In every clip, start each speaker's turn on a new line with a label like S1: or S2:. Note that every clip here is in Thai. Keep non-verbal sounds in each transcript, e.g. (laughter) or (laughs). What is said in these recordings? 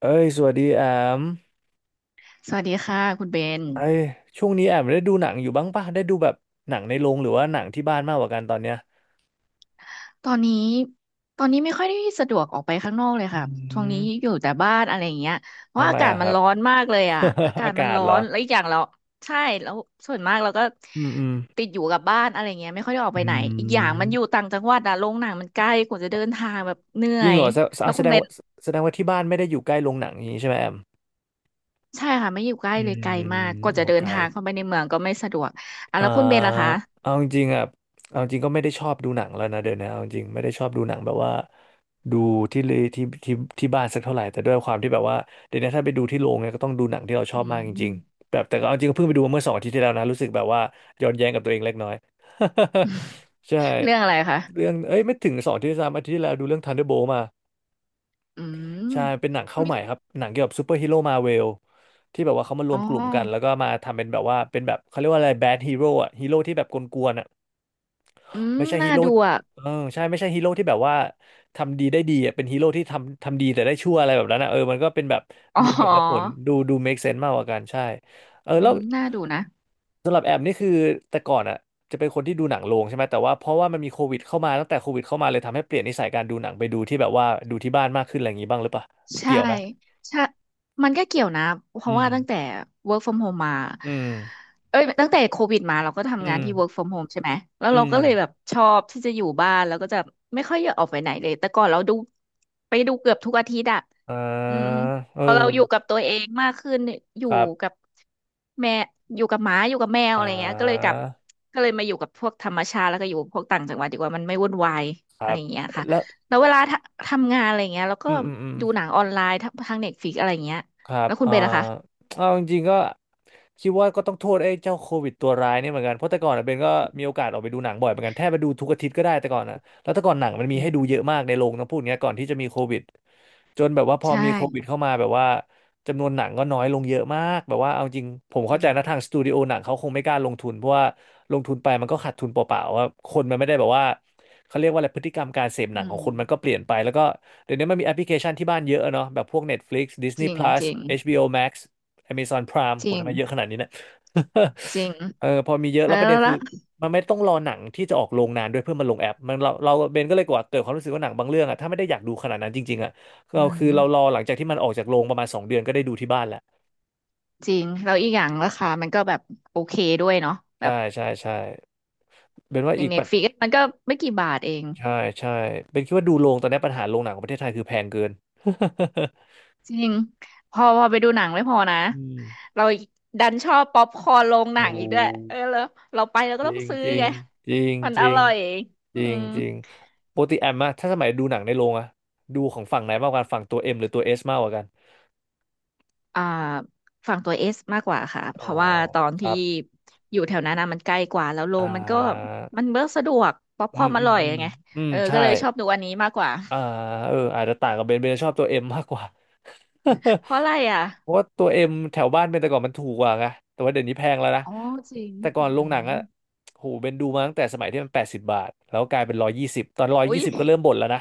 S1: เอ้ยสวัสดีแอม
S2: สวัสดีค่ะคุณเบน
S1: เอ้ยช่วงนี้แอมได้ดูหนังอยู่บ้างป่ะได้ดูแบบหนังในโรงหรือว่าหนังที่บ้านมากกว่ากันตอนเนี้ย
S2: ตอนนี้ตอนนี้ไม่ค่อยได้สะดวกออกไปข้างนอกเลย
S1: อื
S2: ค่ะช่วงนี้อ
S1: ม
S2: ยู่แต่บ้านอะไรอย่างเงี้ยเพราะ
S1: ทำไม
S2: อากาศ
S1: อะค
S2: มัน
S1: รับ
S2: ร้อนมากเลยอ่ะอา
S1: (laughs)
S2: กา
S1: อา
S2: ศ
S1: กา
S2: มัน
S1: ศ
S2: ร้อ
S1: เหรอ
S2: นแล้วอีกอย่างเราใช่แล้วส่วนมากเราก็
S1: อืมอืม
S2: ติดอยู่กับบ้านอะไรเงี้ยไม่ค่อยได้ออก
S1: อื
S2: ไปไหน อีกอย่างมัน
S1: ม
S2: อยู่ต่างจังหวัดอะโรงหนังมันใกล้กว่าจะเดินทางแบบเหนื่
S1: จ
S2: อ
S1: ริง
S2: ย
S1: เหรอ
S2: แล้วคุณเบน
S1: แสดงว่าที่บ้านไม่ได้อยู่ใกล้โรงหนังอย่างนี้ใช่ไหมแอม
S2: ใช่ค่ะไม่อยู่ใกล้
S1: อื
S2: เลยไกล
S1: ม
S2: มากกว่าจะ
S1: โอ
S2: เดิ
S1: เค
S2: นทางเข้าไปในเมืองก็ไม่สะดวกอ่ะ
S1: อ่า
S2: แล้วคุณเบนล่ะคะ
S1: เอาจริงๆอ่ะเอาจริงก็ไม่ได้ชอบดูหนังแล้วนะเดี๋ยวนี้เอาจริงไม่ได้ชอบดูหนังแบบว่าดูที่เลยที่ที่ที่บ้านสักเท่าไหร่แต่ด้วยความที่แบบว่าเดี๋ยวนี้ถ้าไปดูที่โรงเนี่ยก็ต้องดูหนังที่เราชอ
S2: อื
S1: บมากจริง
S2: ม
S1: ๆแบบแต่ก็เอาจริงก็เพิ่งไปดูมาเมื่อสองอาทิตย์ที่แล้วนะรู้สึกแบบว่าย้อนแย้งกับตัวเองเล็กน้อย (laughs) ใช่
S2: เรื่องอะไร
S1: เรื่อ
S2: คะ
S1: งเอ้ยไม่ถึงสองอาทิตย์สามอาทิตย์ที่แล้วดูเรื่อง Thunderbolt มา
S2: อืม
S1: ใช่เป็นหนังเข้า
S2: ไม่
S1: ใหม่ครับหนังเกี่ยวกับซูเปอร์ฮีโร่มาเวลที่แบบว่าเขามาร
S2: อ๋
S1: ว
S2: อ
S1: มกลุ่มกันแล้วก็มาทำเป็นแบบว่าเป็นแบบเขาเรียกว่าอะไรแบดฮีโร่อะฮีโร่ที่แบบกวนๆอะ
S2: อืม
S1: ไม่ใช่ฮี
S2: น่า
S1: โร่
S2: ดูอ่ะ
S1: เออใช่ไม่ใช่ฮีโร่ที่แบบว่าทำดีได้ดีอะเป็นฮีโร่ที่ทำดีแต่ได้ชั่วอะไรแบบนั้นอะเออมันก็เป็นแบบ
S2: อ๋
S1: มีเหตุและผล
S2: อ
S1: ดู make sense มากกว่ากันใช่เออ
S2: อื
S1: แล้ว
S2: มน่าดูนะ
S1: สำหรับแอมนี่คือแต่ก่อนอะจะเป็นคนที่ดูหนังโรงใช่ไหมแต่ว่าเพราะว่ามันมีโควิดเข้ามาตั้งแต่โควิดเข้ามาเลยทำให้เปลี่ยนนิสัยการดูหนังไปดูที่แบบว่าดูที่บ้านมากขึ้นอะไรอย่างงี้บ้างหรือเปล่า
S2: ใช่
S1: เกี่ยวไหม
S2: ใช่มันก็เกี่ยวนะเพ
S1: อื
S2: ราะ
S1: ม
S2: ว่าตั้งแต่ work from home มา
S1: อืม
S2: เอ้ยตั้งแต่โควิดมาเราก็ทำ
S1: อื
S2: งาน
S1: ม
S2: ที่ work from home ใช่ไหมแล้ว
S1: อื
S2: เรา
S1: ม
S2: ก็เลยแบบชอบที่จะอยู่บ้านแล้วก็จะไม่ค่อยอยากออกไปไหนเลยแต่ก่อนเราดูไปดูเกือบทุกอาทิตย์อะ
S1: อ่
S2: อืม
S1: า
S2: อืม
S1: เออ
S2: พอเราอยู่กับตัวเองมากขึ้นเนี่ยอยู่
S1: ครับ
S2: กับแม่อยู่กับหมาอยู่กับแมว
S1: อ่
S2: อะไรเงี้ยก็เลยก
S1: า
S2: ลับก็เลยมาอยู่กับพวกธรรมชาติแล้วก็อยู่พวกต่างจังหวัดดีกว่ามันไม่วุ่นวาย
S1: ค
S2: อะ
S1: รั
S2: ไร
S1: บ
S2: เงี้ยค่ะ
S1: แล้ว
S2: แล้วเวลาทำงานอะไรเงี้ยแล้วก็
S1: อืมอืมอืม
S2: ดูหนังออนไลน์ทางเน็ตฟลิกอะไรเงี้ย
S1: ครับ
S2: แล้วคุณ
S1: อ่า
S2: เป็นนะคะ
S1: เอาจริงๆก็คิดว่าก็ต้องโทษไอ้เจ้าโควิดตัวร้ายเนี่ยเหมือนกัน เพราะแต่ก่อนอะเบนก็มีโอกาสออกไปดูหนังบ่อยเหมือนกันแทบไปดูทุกอาทิตย์ก็ได้แต่ก่อนนะแล้วแต่ก่อนหนังมันมี
S2: อื
S1: ให้ดูเยอะ
S2: ม
S1: มากในโรงต้องพูดอย่างเงี้ยก่อนที่จะมีโควิดจนแบบว่าพอ
S2: ใช่
S1: มีโควิดเข้ามาแบบว่าจำนวนหนังก็น้อยลงเยอะมากแบบว่าเอาจริงผม
S2: อื
S1: เข้าใจนะ
S2: ม
S1: ทางสตูดิโอหนังเขาคงไม่กล้าลงทุนเพราะว่าลงทุนไปมันก็ขาดทุนเปล่าๆว่าคนมันไม่ได้แบบว่าเขาเรียกว่าอะไรพฤติกรรมการเสพห
S2: อื
S1: นังของคนมันก็เป
S2: ม
S1: ลี่ยนไปแล้วก็ เดี๋ยวนี้มันมีแอปพลิเคชันที่บ้านเยอะอะเนาะแบบพวก Netflix
S2: จ
S1: Disney
S2: ริง
S1: Plus
S2: จริง
S1: HBO Max Amazon Prime
S2: จ
S1: โห
S2: ริ
S1: ทำ
S2: ง
S1: ไมเยอะขนาดนี้เนี่ย
S2: จริง
S1: (laughs) เออพอมีเยอะ
S2: แล้
S1: แล้วประ
S2: ว
S1: เด็นคื
S2: ละ
S1: อมันไม่ต้องรอหนังที่จะออกโรงนานด้วยเพื่อมาลงแอปมันเราเบนก็เลยกว่าเกิดความรู้สึกว่าหนังบางเรื่องอะถ้าไม่ได้อยากดูขนาดนั้นจริงๆอะ
S2: อื
S1: เราคือเรารอ
S2: ม
S1: หลังจากที่มันออกจากโรงประมาณสองเดือนก็ได้ดูที่บ้านแล้ว
S2: จริงแล้วอีกอย่างราคามันก็แบบโอเคด้วยเนาะแบ
S1: ใช่
S2: บ
S1: ใช่ใช่เบนว่า
S2: อย่า
S1: อี
S2: ง
S1: ก
S2: เน็
S1: ปั
S2: ต
S1: จ
S2: ฟ i ิกมันก็ไม่กี่บาทเอง
S1: ใช่ใช่เบนคิดว่าดูโรงตอนนี้ปัญหาโรงหนังของประเทศไทยคือแพงเกิน
S2: จริงพอไปดูหนังไม่พอนะ
S1: (laughs) อืม
S2: เราดันชอบป๊อปคอร์นโรงหนั
S1: โอ้
S2: งอีกด้วยเออแล้วเราไปเราก็
S1: จ
S2: ต้อ
S1: ริ
S2: ง
S1: ง
S2: ซื้อ
S1: จริง
S2: ไง
S1: จริง
S2: มัน
S1: จ
S2: อ
S1: ริง
S2: ร่อย
S1: จ
S2: อื
S1: ริง
S2: ม
S1: จริงปกติแอมอะถ้าสมัยดูหนังในโรงอะดูของฝั่งไหนมากกว่ากันฝั่งตัวเอ็มหรือตัวเอสมากกว่ากัน
S2: อ่าฝั่งตัวเอสมากกว่าค่ะเพ
S1: อ๋อ
S2: ราะว่าตอน
S1: ค
S2: ที่
S1: รับ
S2: อยู่แถวนั้นนะมันใกล้กว่าแล้วโร
S1: อ่
S2: งมันก็
S1: า
S2: มันเบิกสะดวกป๊อป
S1: อื
S2: คอร์
S1: ม
S2: นอ
S1: อืม
S2: ร่อย
S1: อืม
S2: ไง
S1: อืม
S2: เออ
S1: ใช่
S2: ก็เลยชอบดูอันนี้มากกว่า
S1: อ่าเอออาจจะต่างกับเบนเบนชอบตัวเอ็มมากกว่า
S2: เพราะอะไรอ่ะ
S1: (laughs) เพราะว่าตัวเอ็มแถวบ้านเบนแต่ก่อนมันถูกกว่าไงแต่ว่าเดี๋ยวนี้แพงแล้วนะ
S2: อ๋อจริง
S1: แต่ก่อนโร
S2: อื
S1: งหนัง
S2: ม
S1: อะโหเบนดูมาตั้งแต่สมัยที่มันแปดสิบบาทแล้วกลายเป็นร้อยยี่สิบตอนร้อย
S2: อุ๊
S1: ยี่
S2: ย
S1: สิบก็เริ่มบ่นแล้วนะ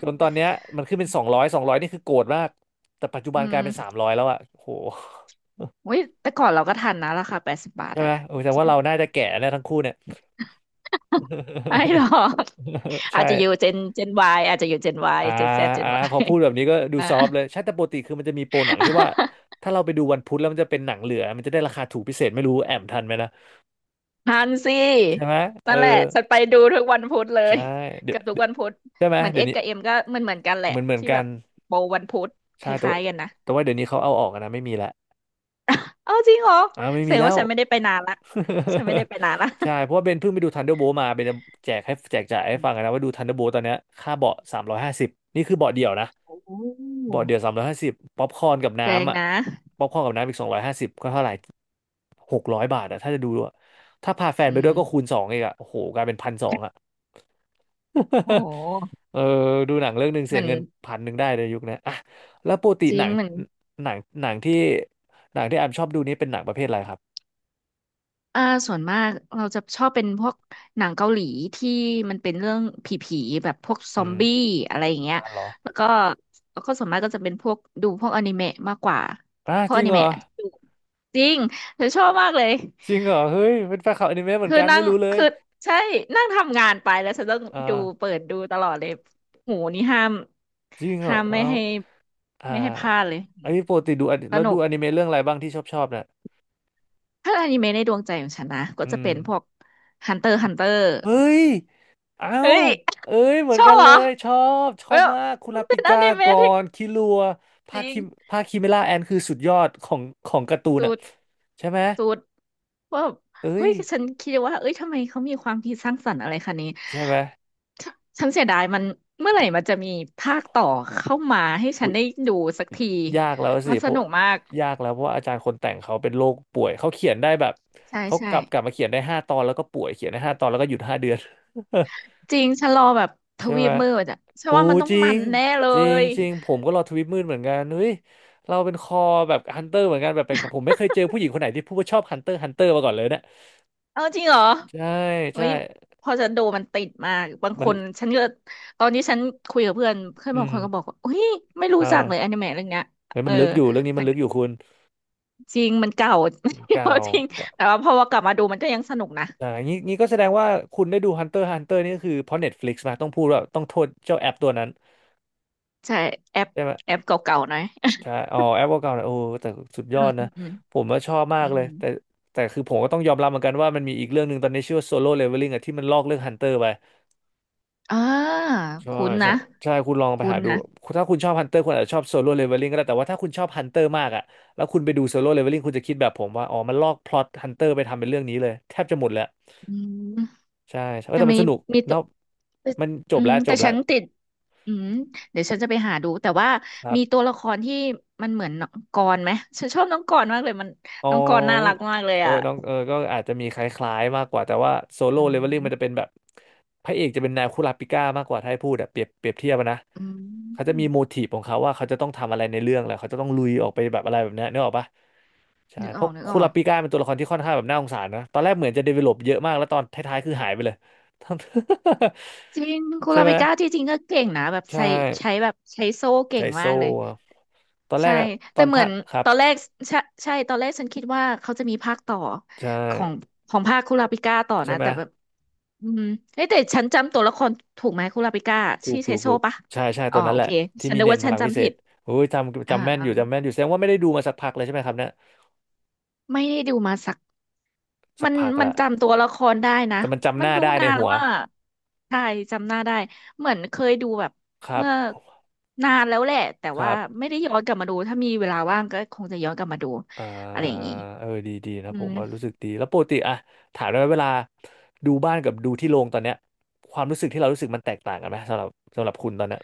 S1: จนตอน เนี้ยมันขึ้นเป็นสองร้อยสองร้อยนี่คือโกรธมากแต่ปัจจุ
S2: อื
S1: บันกลายเป็นสาม
S2: ม
S1: ร้อยแล้วอ่ะโห
S2: อุ้ยแต่ก่อนเราก็ทันนะราคาแปดสิบบาท
S1: ใช่ไห
S2: อะ
S1: มโอ้ยแต่
S2: จริ
S1: ว่า
S2: ง
S1: เราน่าจะแก่แล้วทั้งคู่เนี่ย
S2: (laughs) ไม่หรอก
S1: (laughs)
S2: อาจจะอยู่
S1: ใช่
S2: เจนวายอาจจะอยู่เจนวาย
S1: อ่า
S2: เจนแซดเจ
S1: อ่า
S2: นวา
S1: พอ
S2: ย
S1: พูดแบบนี้ก็ดู
S2: อ่า
S1: ซอฟต์เลยใช่แต่ปกติคือมันจะมีโปรหนังที่ว่า
S2: (laughs)
S1: ถ้าเราไปดูวันพุธแล้วมันจะเป็นหนังเหลือมันจะได้ราคาถูกพิเศษไม่รู้แอมทันไหมนะ
S2: ทันสิ
S1: ใช่ไหมเอ
S2: นั่
S1: อ
S2: นแหละฉันไปดูทุกวันพุธเลย
S1: ใช่
S2: (laughs)
S1: เดี๋ย
S2: กั
S1: ว
S2: บทุก
S1: เดี๋ยว
S2: วันพุธ
S1: ใช่ไหม
S2: เหมือนเอ
S1: เดี๋ยว
S2: ส
S1: นี้
S2: กับเอ็มก็มันเหมือนกันแหละ
S1: เหมือน
S2: ที่
S1: กั
S2: แบ
S1: น
S2: บโบวันพุธค
S1: ใช่แต่
S2: ล้า
S1: ว่า
S2: ยๆกันนะ
S1: เดี๋ยวนี้เขาเอาออกอะนะไม่มีละ
S2: เอาจริงเหรอ
S1: อ่าไม่
S2: แส
S1: มี
S2: ดง
S1: แล้
S2: ว่า
S1: ว
S2: ฉันไม่ได้ไปนานละฉันไม่ได้ไปนานละ
S1: (laughs) ใช่เพราะว่าเบนเพิ่งไปดู Thunderbolt มาเบนจะแจกให้แจกจ่ายให้ฟังกันนะ
S2: (laughs)
S1: ว่าดู Thunderbolt ตอนเนี้ยค่าเบาะสามร้อยห้าสิบนี่คือเบาะเดี่ยวนะ
S2: โอ้
S1: เบาะเดี่ยวสามร้อยห้าสิบป๊อปคอร์นกับ
S2: แสดง
S1: น้ำอ่ะ
S2: นะ
S1: ป๊อปคอร์นกับน้ำอีก250ก็เท่าไหร่600 บาทอ่ะถ้าจะดูด้วยถ้าพาแฟน
S2: อื
S1: ไป
S2: ม
S1: ด้วยก็คูณสองอีกอ่ะโอ้โหกลายเป็น1,200อ่ะ
S2: โอ้
S1: (laughs)
S2: ห
S1: เออดูหนังเรื่องหนึ่ง
S2: เห
S1: เสี
S2: มื
S1: ย
S2: อน
S1: เงิน1,100ได้เลยยุคนี้อ่ะแล้วปกติ
S2: จ
S1: ห
S2: ริ
S1: นั
S2: ง
S1: ง
S2: เหมือน
S1: หนังหนังที่หนังที่แอมชอบดูนี่เป็นหนังประเภทอะไรครับ
S2: อ่าส่วนมากเราจะชอบเป็นพวกหนังเกาหลีที่มันเป็นเรื่องผีๆแบบพวกซ
S1: อื
S2: อม
S1: ม
S2: บี้อะไรอย่างเงี้ย
S1: อ่านเหรอ
S2: แล้วก็แล้วก็ส่วนมากก็จะเป็นพวกดูพวกอนิเมะมากกว่า
S1: อ่ะ
S2: พวก
S1: จ
S2: อ
S1: ริง
S2: นิ
S1: เหร
S2: เมะ
S1: อ
S2: ที่ดูจริงฉันชอบมากเลย
S1: จริงเหรอเฮ้ยเป็นแฟนคลับอนิเมะเหมือน
S2: คือ
S1: กัน
S2: นั่
S1: ไม่
S2: ง
S1: รู้เลย
S2: คือใช่นั่งทำงานไปแล้วฉันต้อง
S1: อ่า
S2: ดูเปิดดูตลอดเลยหูนี่ห้าม
S1: จริงเหร
S2: ห้า
S1: อ
S2: มไม่
S1: เอา
S2: ให้
S1: อ่า
S2: ไม่ให้พลาดเลย
S1: อันนี้ปกติ
S2: สนุ
S1: ดู
S2: ก
S1: อนิเมะเรื่องอะไรบ้างที่ชอบน่ะ
S2: ถ้าอนิเมะในดวงใจของฉันนะก็
S1: อื
S2: จะ
S1: ม
S2: เป็นพวก Hunter x Hunter
S1: เฮ้ยเอ้า
S2: เฮ้ย
S1: เอ้ยเหมือ
S2: ช
S1: น
S2: อ
S1: กั
S2: บ
S1: น
S2: เห
S1: เล
S2: รอ
S1: ยชอ
S2: เว้
S1: บ
S2: ย
S1: มากคุ
S2: มั
S1: รา
S2: น
S1: ปิ
S2: เป็นอ
S1: ก้า
S2: นิเมะ
S1: ก่อ
S2: ที่
S1: นคิรัว
S2: จ
S1: ภาค
S2: ริง
S1: คิภาคคิเมล่าแอนคือสุดยอดของของการ์ตูน
S2: สุ
S1: อ่ะ
S2: ด
S1: ใช่ไหม
S2: สุดว่า
S1: เอ้
S2: เฮ้
S1: ย
S2: ยฉันคิดว่าเอ้ยทำไมเขามีความคิดสร้างสรรค์อะไรขนาดนี้
S1: ใช่ไหม
S2: ฉันเสียดายมันเมื่อไหร่มันจะมีภาคต่อเข้ามาให้ฉันได้ดูสักที
S1: ยากแล้วสิ
S2: มัน
S1: เพ
S2: ส
S1: ราะ
S2: นุกมาก
S1: ยากแล้วเพราะว่าอาจารย์คนแต่งเขาเป็นโรคป่วยเขาเขียนได้แบบ
S2: ใช่
S1: เขา
S2: ใช่
S1: กลับมาเขียนได้ห้าตอนแล้วก็ป่วยเขียนได้ห้าตอนแล้วก็หยุด5 เดือน
S2: จริงฉันรอแบบท
S1: (laughs) ใช่
S2: วี
S1: ไหม
S2: ปมืดอ่ะฉัน
S1: โอ้
S2: ว่ามันต้อง
S1: จริ
S2: มั
S1: ง
S2: นแน่เล
S1: จริง
S2: ย
S1: จริงผมก็รอทวิตมืดเหมือนกันเฮ้ยเราเป็นคอแบบฮันเตอร์เหมือนกันแบบแปลกๆผมไม่เคยเจอผู้หญิงคนไหนที่พูดว่าชอบฮันเตอร์ฮันเตอร์มาก่อนเลยเนี่ย
S2: เออจริงเหรอ
S1: ใช่
S2: เฮ้
S1: ใช่
S2: ยพอจะดูมันติดมากบาง
S1: มั
S2: ค
S1: น
S2: นฉันก็ตอนนี้ฉันคุยกับเพื่อนเพื่อน
S1: อื
S2: บาง
S1: ม
S2: คนก็บอกว่าอุ้ยไม่รู้จัก
S1: อ่า
S2: เลยอนิเมะเรื่องเนี้ย
S1: เฮ้ย
S2: เอ
S1: มั
S2: อ
S1: นลึกอยู่เรื่องนี้มั
S2: ฉั
S1: น
S2: น
S1: ลึกอยู่คุณ
S2: จริงมันเก่า
S1: เก่า
S2: (laughs) จริงแต่ว่าพอว่ากลับมาดูมันก็ยังสนุกนะ
S1: อ่างี้งี้ก็แสดงว่าคุณได้ดู Hunter x Hunter นี่ก็คือเพราะ Netflix มาต้องพูดว่าต้องโทษเจ้าแอปตัวนั้น
S2: ใช่ แอป
S1: ใช่ไหม
S2: แอปเก่าๆหน่อย
S1: ใช่อ๋อแอปเก่าๆนะโอ้แต่สุด
S2: (laughs)
S1: ย
S2: อื
S1: อด
S2: มอื
S1: นะ
S2: มอืม
S1: ผมว่าชอบมา
S2: อื
S1: กเล
S2: ม
S1: ยแต่แต่คือผมก็ต้องยอมรับเหมือนกันว่ามันมีอีกเรื่องหนึ่งตอนนี้ชื่อว่า Solo Leveling อะที่มันลอกเรื่อง Hunter ไป
S2: อ่า
S1: ใช่
S2: คุ้น
S1: ใช่
S2: นะ
S1: ใช่คุณลองไป
S2: คุ้
S1: หา
S2: น
S1: ดู
S2: นะ
S1: ถ้าคุณชอบ Hunter คุณอาจจะชอบ Solo Leveling ก็ได้แต่ว่าถ้าคุณชอบ Hunter มากอะแล้วคุณไปดูโซโล่เลเวลลิ่งคุณจะคิดแบบผมว่าอ๋อมันลอกพล็อตฮันเตอร์ไปทำเป็นเรื่องนี้เลยแทบจะหมดแล้ว
S2: อืม
S1: ใช่ใช่เออ
S2: จะ
S1: แต่มั
S2: มี
S1: นสนุก
S2: มีตัว
S1: เนาะมันจ
S2: อื
S1: บ
S2: ม
S1: แล้วจ
S2: แต่
S1: บแล้ว
S2: ฉันติด อืมเดี๋ยวฉันจะไปหาดูแต่ว่า
S1: ครั
S2: มีตั
S1: บ
S2: วละครที่มันเหมือนน้องกรณ์ไหมฉันชอบน้องกรณ์มากเลยมัน
S1: อ๋อ
S2: น้องกรณ์น่ารักมากเลย
S1: เออ
S2: อ่ะ
S1: น้องเออก็อาจจะมีคล้ายๆมากกว่าแต่ว่าโซโล่
S2: อื
S1: เลเวลลิ่งมัน
S2: ม
S1: จะเป็นแบบพระเอกจะเป็นนายคุราปิก้ามากกว่าถ้าให้พูดอะเปรียบเทียบอะนะ
S2: อื
S1: เขาจะมีโม
S2: ม
S1: ทีฟของเขาว่าเขาจะต้องทำอะไรในเรื่องแหละเขาจะต้องลุยออกไปแบบอะไรแบบเนี้ยนึกออกปะใช่
S2: นึก
S1: เพ
S2: ออ
S1: ราะ
S2: กนึกอ
S1: คุ
S2: อ
S1: รา
S2: ก
S1: ปิก้าเป็นตัวละครที่ค่อนข้างแบบน่าสงสารนะตอนแรกเหมือนจะเดเวลลอปเยอะมากแล้วตอนท้ายๆคือหายไปเลย (laughs)
S2: จริงคุณ
S1: ใช่
S2: ลา
S1: ไหม
S2: เบิก้าที่จริงก็เก่งนะแบบ
S1: ใช่
S2: ใช้ใช้แบบใช้โซ่
S1: ใจ
S2: เก่งมา
S1: โซ่
S2: กเลย
S1: อะตอนแร
S2: ใช่
S1: กอะต
S2: แต่
S1: อน
S2: เหมื
S1: ภา
S2: อน
S1: คครับ
S2: ตอนแรกใช่ใช่ตอนแรกฉันคิดว่าเขาจะมีภาคต่อ
S1: ใช่
S2: ของภาคคุลาปิก้าต่อ
S1: ใช่
S2: นะ
S1: ไหม
S2: แต่แบบอืมเฮ้ยแต่ฉันจำตัวละครถูกไหมคุลาปิก้า
S1: ถูก
S2: ชื่อ
S1: ถู
S2: ใช้
S1: ก
S2: โซ่
S1: ถูก
S2: ปะ
S1: ใช่ใช่
S2: อ๋
S1: ตั
S2: อ
S1: วนั้น
S2: โอ
S1: แหละ
S2: เค
S1: ที่
S2: ฉัน
S1: มี
S2: นึก
S1: เน้น
S2: ว่า
S1: พ
S2: ฉัน
S1: ลังพิเศ
S2: จำผิ
S1: ษ
S2: ด
S1: โอ้ย
S2: อ่า
S1: จำแม่น
S2: อ่า
S1: อยู่จำแม่นอยู่แสดงว่าไม่ได้ดูมาสักพักเลยใช่ไหมครับเนี่ย
S2: ไม่ได้ดูมาสัก
S1: สั
S2: มั
S1: ก
S2: น
S1: พัก
S2: มัน
S1: ละ
S2: จำตัวละครได้นะ
S1: แต่มันจำห
S2: มัน
S1: น้า
S2: ดู
S1: ได้ใน
S2: นานแล้
S1: หั
S2: ว
S1: ว
S2: ว่าใช่จำหน้าได้เหมือนเคยดูแบบ
S1: ครั
S2: เมื่อ
S1: บ
S2: นานแล้วแหละแต่
S1: ค
S2: ว่า
S1: รับ
S2: ไม่ได้ย้อนกลับมาดูถ้ามีเวลาว่างก็คงจะย้อนกลับมาดู
S1: อ่า
S2: อะไรอย่างนี้
S1: เออดีดีนะ
S2: อื
S1: ผม
S2: ม
S1: ว่ารู้สึกดีแล้วปกติอะถามได้ไหมเวลาดูบ้านกับดูที่โรงตอนเนี้ยความรู้สึกที่เรารู้สึกมันแตกต่างกันไหมสำหรับคุณตอนเนี้ย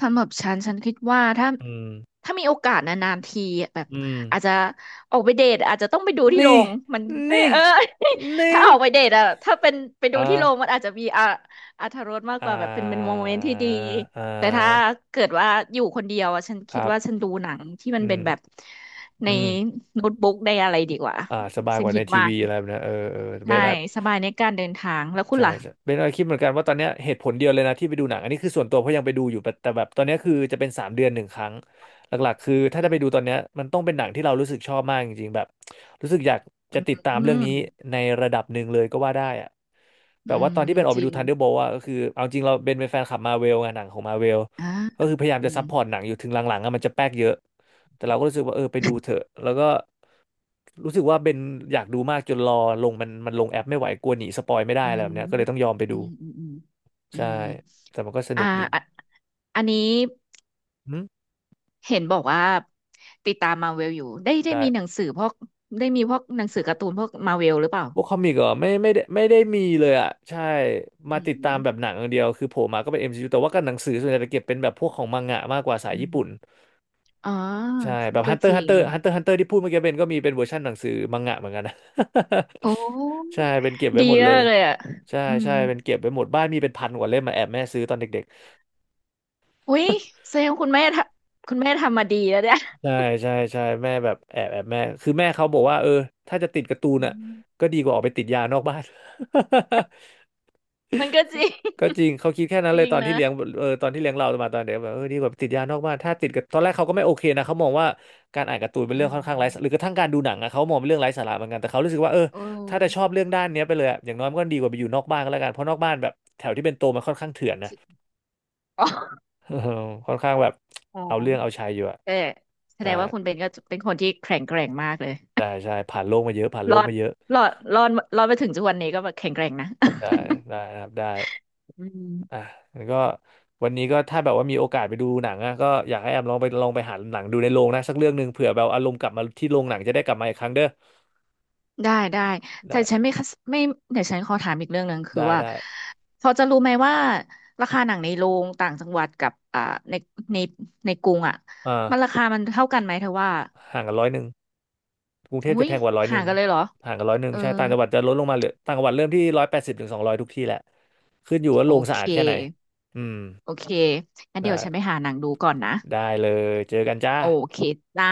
S2: สำหรับฉันฉันคิดว่าถ้า
S1: อืม
S2: ถ้ามีโอกาสนานๆทีแบบ
S1: อืม
S2: อาจจะออกไปเดทอาจจะต้องไปดูที่โร
S1: นี่
S2: งมันเอ้ย
S1: นี่
S2: เออ (laughs)
S1: นี่
S2: ถ้าออกไปเดทอะถ้าเป็นไปดู
S1: อ่า
S2: ที่โรงมันอาจจะมีอะอรรถรสมาก
S1: อ่
S2: กว่าแบบเป็นโม
S1: า
S2: เมนต์ที่ดี
S1: อ่
S2: แต่ถ้า
S1: า
S2: เกิดว่าอยู่คนเดียวอะฉัน
S1: ค
S2: คิด
S1: รับ
S2: ว่าฉันดูหนังที่มัน
S1: อื
S2: เป็นแบบ
S1: ม
S2: ใน
S1: อืม
S2: โน้ตบุ๊กได้อะไรดีกว่า
S1: อ่าสบาย
S2: ฉั
S1: ก
S2: น
S1: ว่า
S2: คิ
S1: ใน
S2: ด
S1: ที
S2: ว่า
S1: วีอะไรแบบเนี้ยเออเออเบ
S2: ใช่
S1: นอะ
S2: สบายในการเดินทางแล้วคุณ
S1: ใช่
S2: ล่ะ
S1: ใช่เบนอะคิดเหมือนกันว่าตอนเนี้ยเหตุผลเดียวเลยนะที่ไปดูหนังอันนี้คือส่วนตัวเพราะยังไปดูอยู่แต่แบบตอนเนี้ยคือจะเป็น3 เดือนหนึ่งครั้งหลักๆคือถ้า
S2: อื
S1: ได้ไป
S2: ม
S1: ดูตอนเนี้ยมันต้องเป็นหนังที่เรารู้สึกชอบมากจริงๆแบบรู้สึกอยากจะติดตาม
S2: อื
S1: เรื่อง
S2: ม
S1: นี้ในระดับหนึ่งเลยก็ว่าได้อะแบ
S2: อื
S1: บว่าตอน
S2: ม
S1: ที่เบนออก
S2: จ
S1: ไป
S2: ริ
S1: ดู
S2: ง
S1: Thunderbolt อะก็คือเอาจริงเราเบนเป็นแฟนคลับมาเวลไงหนังของมาเวล
S2: อ่า
S1: ก็คือพยายาม
S2: อื
S1: จะซั
S2: ม
S1: พพอร์ตหนังอยู่ถึงหลังๆอะมันจะแป๊กเยอะ แต่เราก็รู้สึกว่าเออไปดูเถอะแล้วก็รู้สึกว่าเบนอยากดูมากจนรอลงมันลงแอปไม่ไหวกลัวหนีสปอยไม่ได้
S2: อื
S1: อะไรแบ
S2: ม
S1: บเนี้ยก็เลยต้องยอมไป
S2: อื
S1: ดู
S2: มอืมอืมอื
S1: ใช่
S2: ม
S1: แต่มันก็สนุ
S2: อ่า
S1: กดี
S2: อะอันนี้
S1: อืม
S2: เห็นบอกว่าติดตามมาเวลอยู่ได้ได้
S1: ใช่
S2: มีหนังสือพวกได้มีพวกหนังสือการ์ตูนพวกมาเวลหรือเปล่า
S1: พวกคอมิกเหรอไม่ได้ไม่ได้มีเลยอ่ะใช่
S2: อื
S1: มาติดตา
S2: ม
S1: มแบบหนังอย่างเดียวคือโผล่มาก็เป็น MCU แต่ว่ากับหนังสือส่วนใหญ่จะเก็บเป็นแบบพวกของมังงะมากกว่าสาย
S2: อื
S1: ญี่
S2: ม
S1: ปุ่น
S2: อ๋อ
S1: ใช่แบบ
S2: ก็จ
S1: Hunter
S2: ริง
S1: Hunter Hunter Hunter ที่พูดเมื่อกี้เบนก็มีเป็นเวอร์ชันหนังสือมังงะเหมือนกันนะ
S2: โอ้
S1: (laughs) ใช่เป็นเก็บไว้
S2: ดี
S1: หมดเล
S2: มา
S1: ย
S2: กเลยอ่ะ
S1: ใช่
S2: อืม
S1: ใช่เป็นเก็บไปหมดบ้านมีเป็นพันกว่าเล่มมาแอบแม่ซื้อตอนเด็กๆ
S2: อุ้ยแสดงคุณแม่ทำคุณแม่ทำมาดีแล้วเนี่ย
S1: (laughs) ใช่ใช่ใช่แม่แบบแอบแม่คือแม่เขาบอกว่าเออถ้าจะติดการ์ตูน
S2: อื
S1: อ่ะ
S2: ม
S1: ก็ดีกว่าออกไปติดยานอกบ้าน (laughs)
S2: มันก็จริง
S1: ก็จริงเขาคิดแค่นั้น
S2: จ
S1: เลย
S2: ริง
S1: ตอนที่
S2: นะ
S1: เลี้ยงเออตอนที่เลี้ยงเรามาตอนเด็กแบบเออดีกว่าไปติดยานอกบ้านถ้าติดกับตอนแรกเขาก็ไม่โอเคนะเขามองว่าการอ่านการ์ตูนเป็น
S2: อื
S1: เรื่อง
S2: ม
S1: ค่อนข้างไร้สาระหรือกระทั่งการดูหนังอะเขามองเป็นเรื่องไร้สาระเหมือนกันแต่เขารู้สึกว่าเออ
S2: โอ้
S1: ถ้าจะชอบเรื่องด้านเนี้ยไปเลยอะอย่างน้อยมันก็ดีกว่าไปอยู่นอกบ้านก็แล้วกันเพราะนอกบ้านแบบแถวที่เป็นโตมันค่อนข้างเถื่อน
S2: จ
S1: นะ
S2: ริงอ๋อ
S1: (laughs) เออค่อนข้างแบบ
S2: อ๋อ
S1: เอาเรื่องเอาชัยอยู่อะ
S2: เออแสด
S1: ได้
S2: งว่าคุณเบนก็เป็นคนที่แข็งแกร่งมากเลย
S1: ได้ใช่ผ่านโลกมาเยอะผ่านโล
S2: ร
S1: ก
S2: อด
S1: มาเยอะ
S2: รอดรอดรอดมาถึงทุกวันนี้ก็แบบแข็งแกร่งนะ
S1: ได้ได้นะครับได้
S2: (laughs) อืม
S1: อ่ะแล้วก็วันนี้ก็ถ้าแบบว่ามีโอกาสไปดูหนังอะก็อยากให้แอมลองไปลองไปหาหนังดูในโรงนะสักเรื่องหนึ่งเผื่อแบบอารมณ์กลับมาที่โรงหนังจะได้กลับมาอีกครั้งเด้อ
S2: ได้ได้แต่
S1: ได้
S2: ฉันไม่คัสไม่เดี๋ยวฉันขอถามอีกเรื่องหนึ่งคือ
S1: ได้
S2: ว่า
S1: ได้
S2: พอจะรู้ไหมว่าราคาหนังในโรงต่างจังหวัดกับอ่าในในในกรุงอ่ะ
S1: อ่า
S2: มันราคามันเท่ากันไหมเธอว่า
S1: ห่างกันร้อยหนึ่งกรุงเท
S2: อุ้
S1: พจะ
S2: ย
S1: แพงกว่าร้อยห
S2: ห่า
S1: นึ่
S2: ง
S1: ง
S2: กันเลยเหรอ
S1: ห่างกันร้อยหนึ่
S2: เอ
S1: ง
S2: อ
S1: ใช่ต่างจังหวัดจะลดลงมาเหลือต่างจังหวัดเริ่มที่ร้อยแปดสิบถึงสองร้อยทุกที่แหละขึ้นอยู่ว่า
S2: โอ
S1: โรงสะ
S2: เค
S1: อาดแค่ไหนอืม
S2: โอเคงั้นเดี๋ยวฉันไป
S1: ได้
S2: หาหนังดูก่อนนะ
S1: ได้เลยเจอกันจ้า
S2: โอเคจ้า